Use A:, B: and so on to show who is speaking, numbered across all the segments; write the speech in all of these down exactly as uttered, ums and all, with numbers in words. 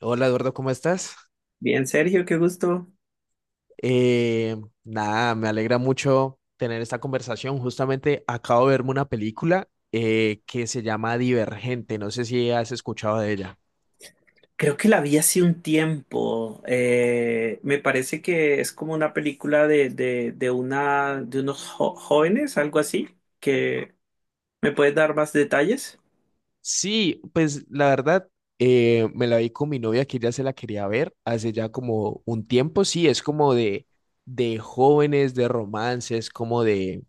A: Hola Eduardo, ¿cómo estás?
B: Bien, Sergio, qué gusto.
A: Eh, nada, me alegra mucho tener esta conversación. Justamente acabo de verme una película eh, que se llama Divergente. No sé si has escuchado de ella.
B: Creo que la vi hace un tiempo. Eh, me parece que es como una película de, de, de una, de unos jo- jóvenes, algo así, que me puedes dar más detalles.
A: Sí, pues la verdad, eh, me la vi con mi novia que ella se la quería ver hace ya como un tiempo. Sí, es como de, de jóvenes, de romances, como de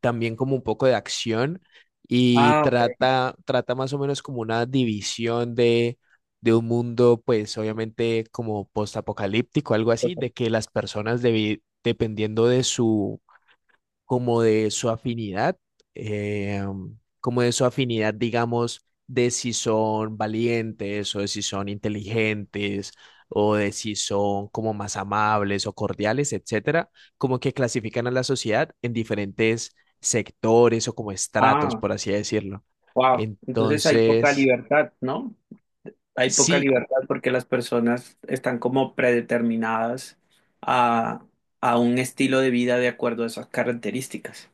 A: también como un poco de acción y
B: Ah, ok.
A: trata, trata más o menos como una división de, de un mundo, pues obviamente como postapocalíptico, algo así, de que las personas debi- dependiendo de su como de su afinidad, eh, como de su afinidad, digamos, de si son valientes o de si son inteligentes o de si son como más amables o cordiales, etcétera, como que clasifican a la sociedad en diferentes sectores o como estratos,
B: Ah,
A: por así decirlo.
B: wow. Entonces hay poca
A: Entonces,
B: libertad, ¿no? Hay poca
A: sí,
B: libertad porque las personas están como predeterminadas a, a un estilo de vida de acuerdo a esas características.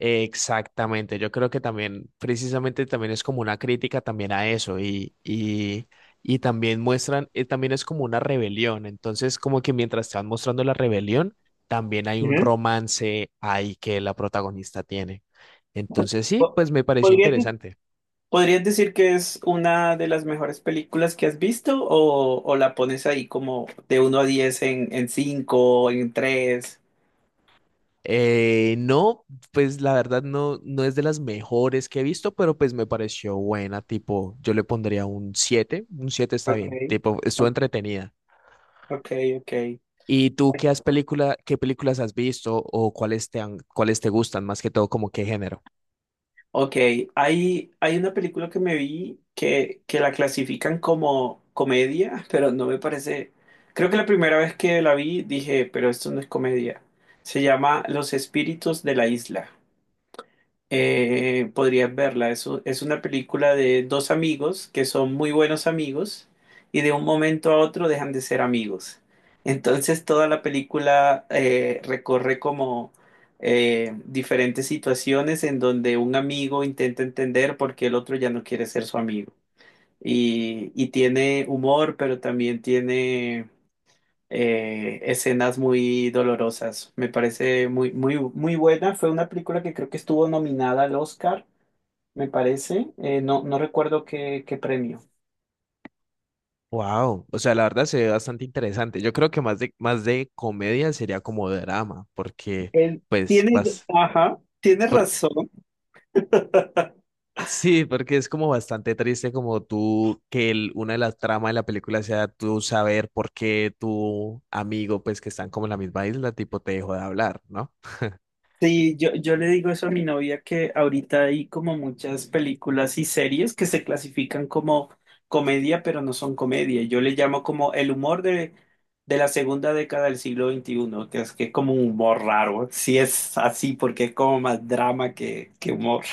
A: exactamente, yo creo que también, precisamente también es como una crítica también a eso y, y, y también muestran, eh, también es como una rebelión, entonces como que mientras te van mostrando la rebelión, también hay un
B: Ujú.
A: romance ahí que la protagonista tiene. Entonces sí,
B: Po-
A: pues me pareció
B: ¿Podrías
A: interesante.
B: ¿Podrías decir que es una de las mejores películas que has visto o, o la pones ahí como de uno a diez en, en cinco, en tres?
A: Eh, no, pues la verdad no, no es de las mejores que he visto, pero pues me pareció buena, tipo, yo le pondría un siete, un siete está
B: Ok,
A: bien, tipo, estuvo
B: ok,
A: entretenida.
B: ok, ok.
A: ¿Y tú qué has película, qué películas has visto o cuáles te han, cuáles te gustan más que todo, como qué género?
B: Ok, hay, hay una película que me vi que, que la clasifican como comedia, pero no me parece. Creo que la primera vez que la vi dije, pero esto no es comedia. Se llama Los Espíritus de la Isla. Eh, podrías verla. Es, u- es una película de dos amigos que son muy buenos amigos y de un momento a otro dejan de ser amigos. Entonces toda la película eh, recorre como eh, diferentes situaciones en donde un amigo intenta entender por qué el otro ya no quiere ser su amigo. Y, y tiene humor, pero también tiene eh, escenas muy dolorosas. Me parece muy, muy, muy buena. Fue una película que creo que estuvo nominada al Oscar, me parece. Eh, no, no recuerdo qué, qué, premio.
A: Wow, o sea, la verdad se ve bastante interesante. Yo creo que más de más de comedia sería como drama, porque
B: Él
A: pues
B: tiene,
A: vas
B: ajá, tiene
A: por-
B: razón.
A: sí, porque es como bastante triste como tú que el- una de las tramas de la película sea tú saber por qué tu amigo pues que están como en la misma isla tipo te dejó de hablar, ¿no?
B: Sí, yo, yo le digo eso a mi novia que ahorita hay como muchas películas y series que se clasifican como comedia, pero no son comedia. Yo le llamo como el humor de, de la segunda década del siglo veintiuno que es que es como un humor raro. Sí es así porque es como más drama que, que humor.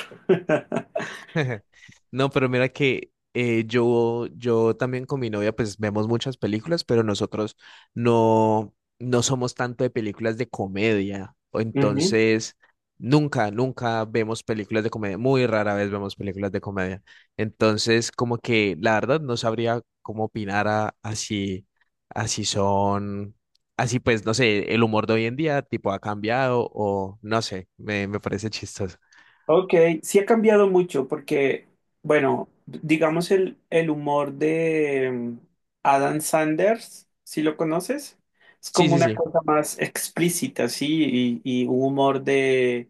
A: No, pero mira que eh, yo, yo también con mi novia pues vemos muchas películas, pero nosotros no, no somos tanto de películas de comedia. O
B: Ujú.
A: Entonces, nunca, nunca vemos películas de comedia. Muy rara vez vemos películas de comedia. Entonces, como que la verdad no sabría cómo opinar a, a si, a si son, así pues, no sé, el humor de hoy en día tipo ha cambiado o no sé, me, me parece chistoso.
B: Ok, sí ha cambiado mucho porque, bueno, d- digamos el, el humor de mm, Adam Sanders, si lo conoces, es
A: Sí,
B: como
A: sí,
B: una
A: sí.
B: cosa más explícita, sí, y, y un humor de,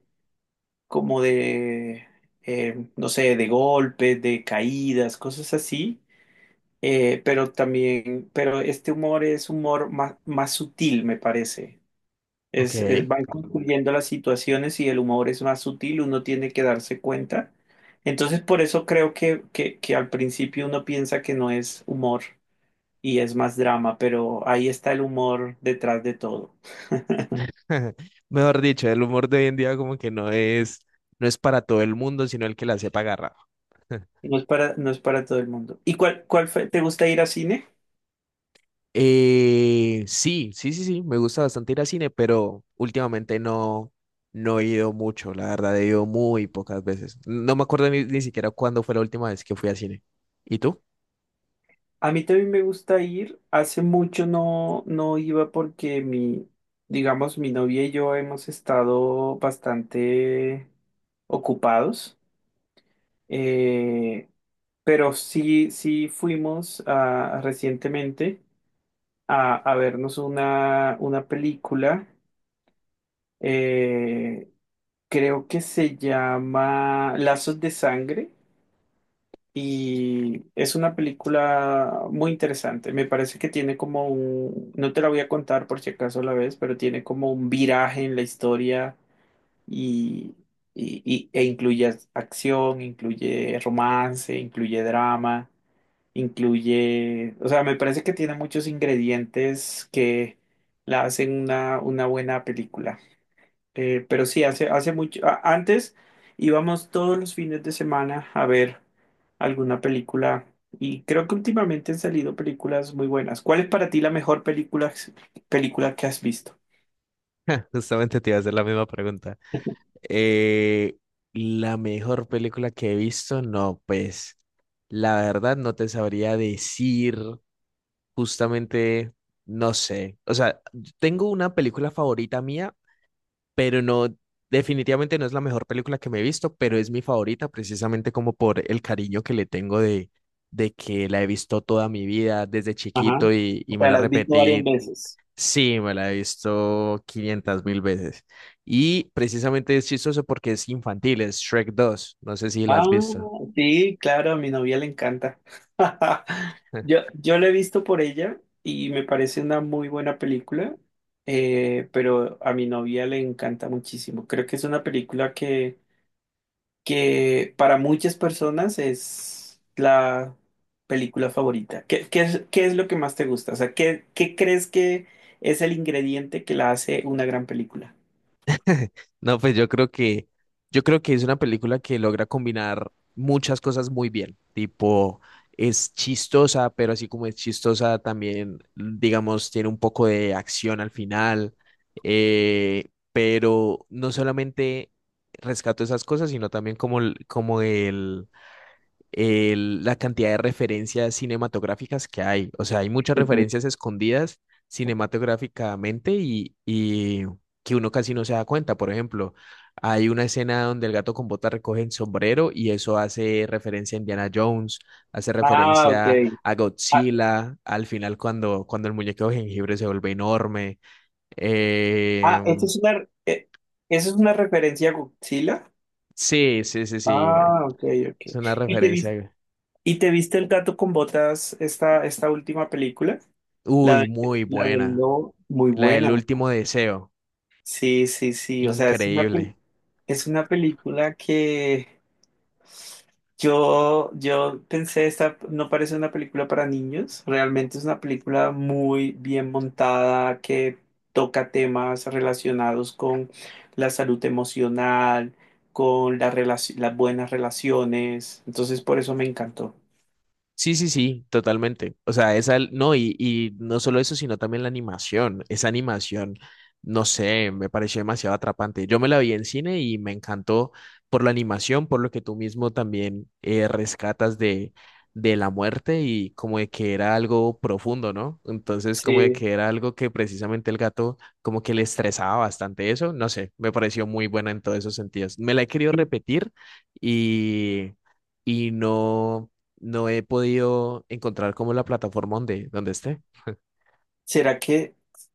B: como de, eh, no sé, de golpes, de caídas, cosas así, eh, pero también, pero este humor es humor más, más sutil, me parece.
A: Ok.
B: Es, eh, van concluyendo las situaciones y el humor es más sutil, uno tiene que darse cuenta. Entonces, por eso creo que, que, que al principio uno piensa que no es humor y es más drama, pero ahí está el humor detrás de todo.
A: Mejor dicho, el humor de hoy en día como que no es, no es para todo el mundo, sino el que la sepa agarrar.
B: No es para, no es para todo el mundo. ¿Y cuál, cuál fue? ¿Te gusta ir a cine?
A: Eh, sí, sí, sí, sí, me gusta bastante ir al cine, pero últimamente no, no he ido mucho, la verdad, he ido muy pocas veces. No me acuerdo ni, ni siquiera cuándo fue la última vez que fui al cine. ¿Y tú?
B: A mí también me gusta ir. Hace mucho no, no iba porque mi, digamos, mi novia y yo hemos estado bastante ocupados. Eh, pero sí, sí fuimos ah, recientemente a, a vernos una, una película, eh, creo que se llama Lazos de Sangre y es una película muy interesante. Me parece que tiene como un, no te la voy a contar por si acaso la ves, pero tiene como un viraje en la historia y y- y- e incluye acción, incluye romance, incluye drama. Incluye, o sea, me parece que tiene muchos ingredientes que la hacen una, una buena película. Eh, pero sí, hace, hace mucho, a- antes íbamos todos los fines de semana a ver alguna película y creo que últimamente han salido películas muy buenas. ¿Cuál es para ti la mejor película, película que has visto?
A: Justamente te iba a hacer la misma pregunta. Eh, la mejor película que he visto, no, pues la verdad no te sabría decir justamente, no sé, o sea, tengo una película favorita mía, pero no, definitivamente no es la mejor película que me he visto, pero es mi favorita precisamente como por el cariño que le tengo de, de que la he visto toda mi vida desde
B: Ajá.
A: chiquito y,
B: O
A: y me
B: sea,
A: la
B: la has visto varias
A: repetí.
B: veces.
A: Sí, me la he visto quinientas mil veces. Y precisamente es chistoso porque es infantil, es Shrek dos. No sé si la
B: Ah,
A: has visto.
B: sí, claro, a mi novia le encanta. Yo, yo la he visto por ella y me parece una muy buena película, eh, pero a mi novia le encanta muchísimo. Creo que es una película que, que para muchas personas es la película favorita. ¿Qué, qué es, qué es lo que más te gusta? O sea, ¿qué, qué crees que es el ingrediente que la hace una gran película?
A: No, pues yo creo que, yo creo que es una película que logra combinar muchas cosas muy bien. Tipo, es chistosa, pero así como es chistosa, también, digamos, tiene un poco de acción al final. eh, pero no solamente rescato esas cosas, sino también como, el- como el- la cantidad de referencias cinematográficas que hay. O sea, hay muchas referencias escondidas cinematográficamente y, y que uno casi no se da cuenta. Por ejemplo, hay una escena donde el gato con botas recoge el sombrero y eso hace referencia a Indiana Jones, hace
B: Ah, ok.
A: referencia a Godzilla, al final cuando, cuando el muñeco de jengibre se vuelve enorme. Eh,
B: Ah, esta es una, eh, esa es una referencia a Godzilla.
A: sí, sí, sí, sí.
B: Ah, ok,
A: Es
B: ok.
A: una
B: ¿Y te vis-
A: referencia,
B: y te viste el gato con botas, esta, esta última película? La
A: uy,
B: de,
A: muy
B: la del
A: buena.
B: lobo, muy
A: La
B: buena.
A: del último deseo.
B: Sí, sí, sí. O sea, es una, pel-
A: Increíble.
B: es una película que Yo, yo pensé, esta no parece una película para niños, realmente es una película muy bien montada que toca temas relacionados con la salud emocional, con la relaci- las buenas relaciones, entonces por eso me encantó.
A: Sí, sí, sí, totalmente. O sea, esa, no, y, y no solo eso, sino también la animación. Esa animación, no sé, me pareció demasiado atrapante. Yo me la vi en cine y me encantó por la animación, por lo que tú mismo también eh, rescatas de, de la muerte y como de que era algo profundo, ¿no? Entonces, como de
B: Sí,
A: que era algo que precisamente el gato como que le estresaba bastante eso. No sé, me pareció muy buena en todos esos sentidos. Me la he querido repetir y, y no. No he podido encontrar como la plataforma donde, donde esté.
B: será que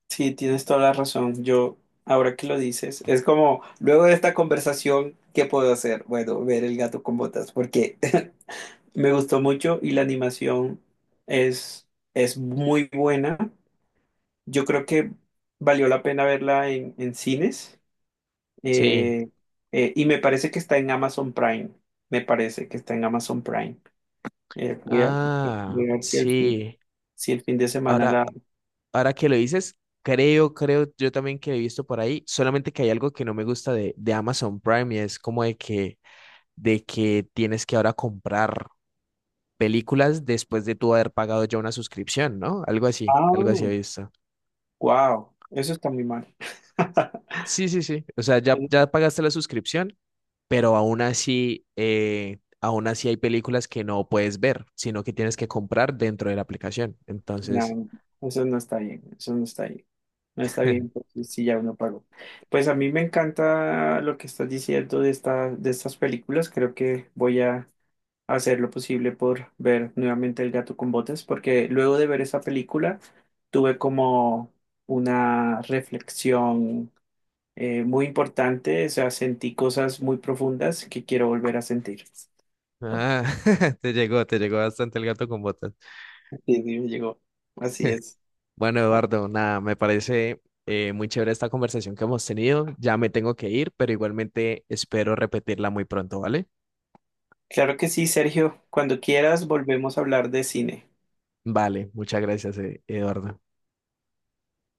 B: sí, tienes toda la razón. Yo, ahora que lo dices, es como, luego de esta conversación, ¿qué puedo hacer? Bueno, ver el gato con botas, porque me gustó mucho y la animación es, es muy buena. Yo creo que valió la pena verla en, en cines,
A: Sí.
B: eh, eh, y me parece que está en Amazon Prime. Me parece que está en Amazon Prime. Eh, voy a,
A: Ah,
B: voy a ver si el fin,
A: sí.
B: si el fin de semana
A: Ahora,
B: la.
A: ahora que lo dices, creo, creo yo también que he visto por ahí, solamente que hay algo que no me gusta de, de Amazon Prime y es como de que, de que tienes que ahora comprar películas después de tú haber pagado ya una suscripción, ¿no? Algo así,
B: Ah,
A: algo así he visto.
B: wow, eso está muy mal.
A: Sí, sí, sí. O sea, ya, ya pagaste la suscripción, pero aún así, eh, aún así hay películas que no puedes ver, sino que tienes que comprar dentro de la aplicación. Entonces,
B: No, eso no está bien, eso no está bien. No está bien, porque si ya uno pagó. Pues a mí me encanta lo que estás diciendo de esta, de estas películas. Creo que voy a hacer lo posible por ver nuevamente El gato con botas, porque luego de ver esa película tuve como una reflexión eh, muy importante. O sea, sentí cosas muy profundas que quiero volver a sentir.
A: ah, te llegó, te llegó bastante el gato con botas.
B: Sí, sí, me llegó. Así es.
A: Bueno, Eduardo, nada, me parece eh, muy chévere esta conversación que hemos tenido. Ya me tengo que ir, pero igualmente espero repetirla muy pronto, ¿vale?
B: Claro que sí, Sergio. Cuando quieras, volvemos a hablar de cine.
A: Vale, muchas gracias, eh, Eduardo.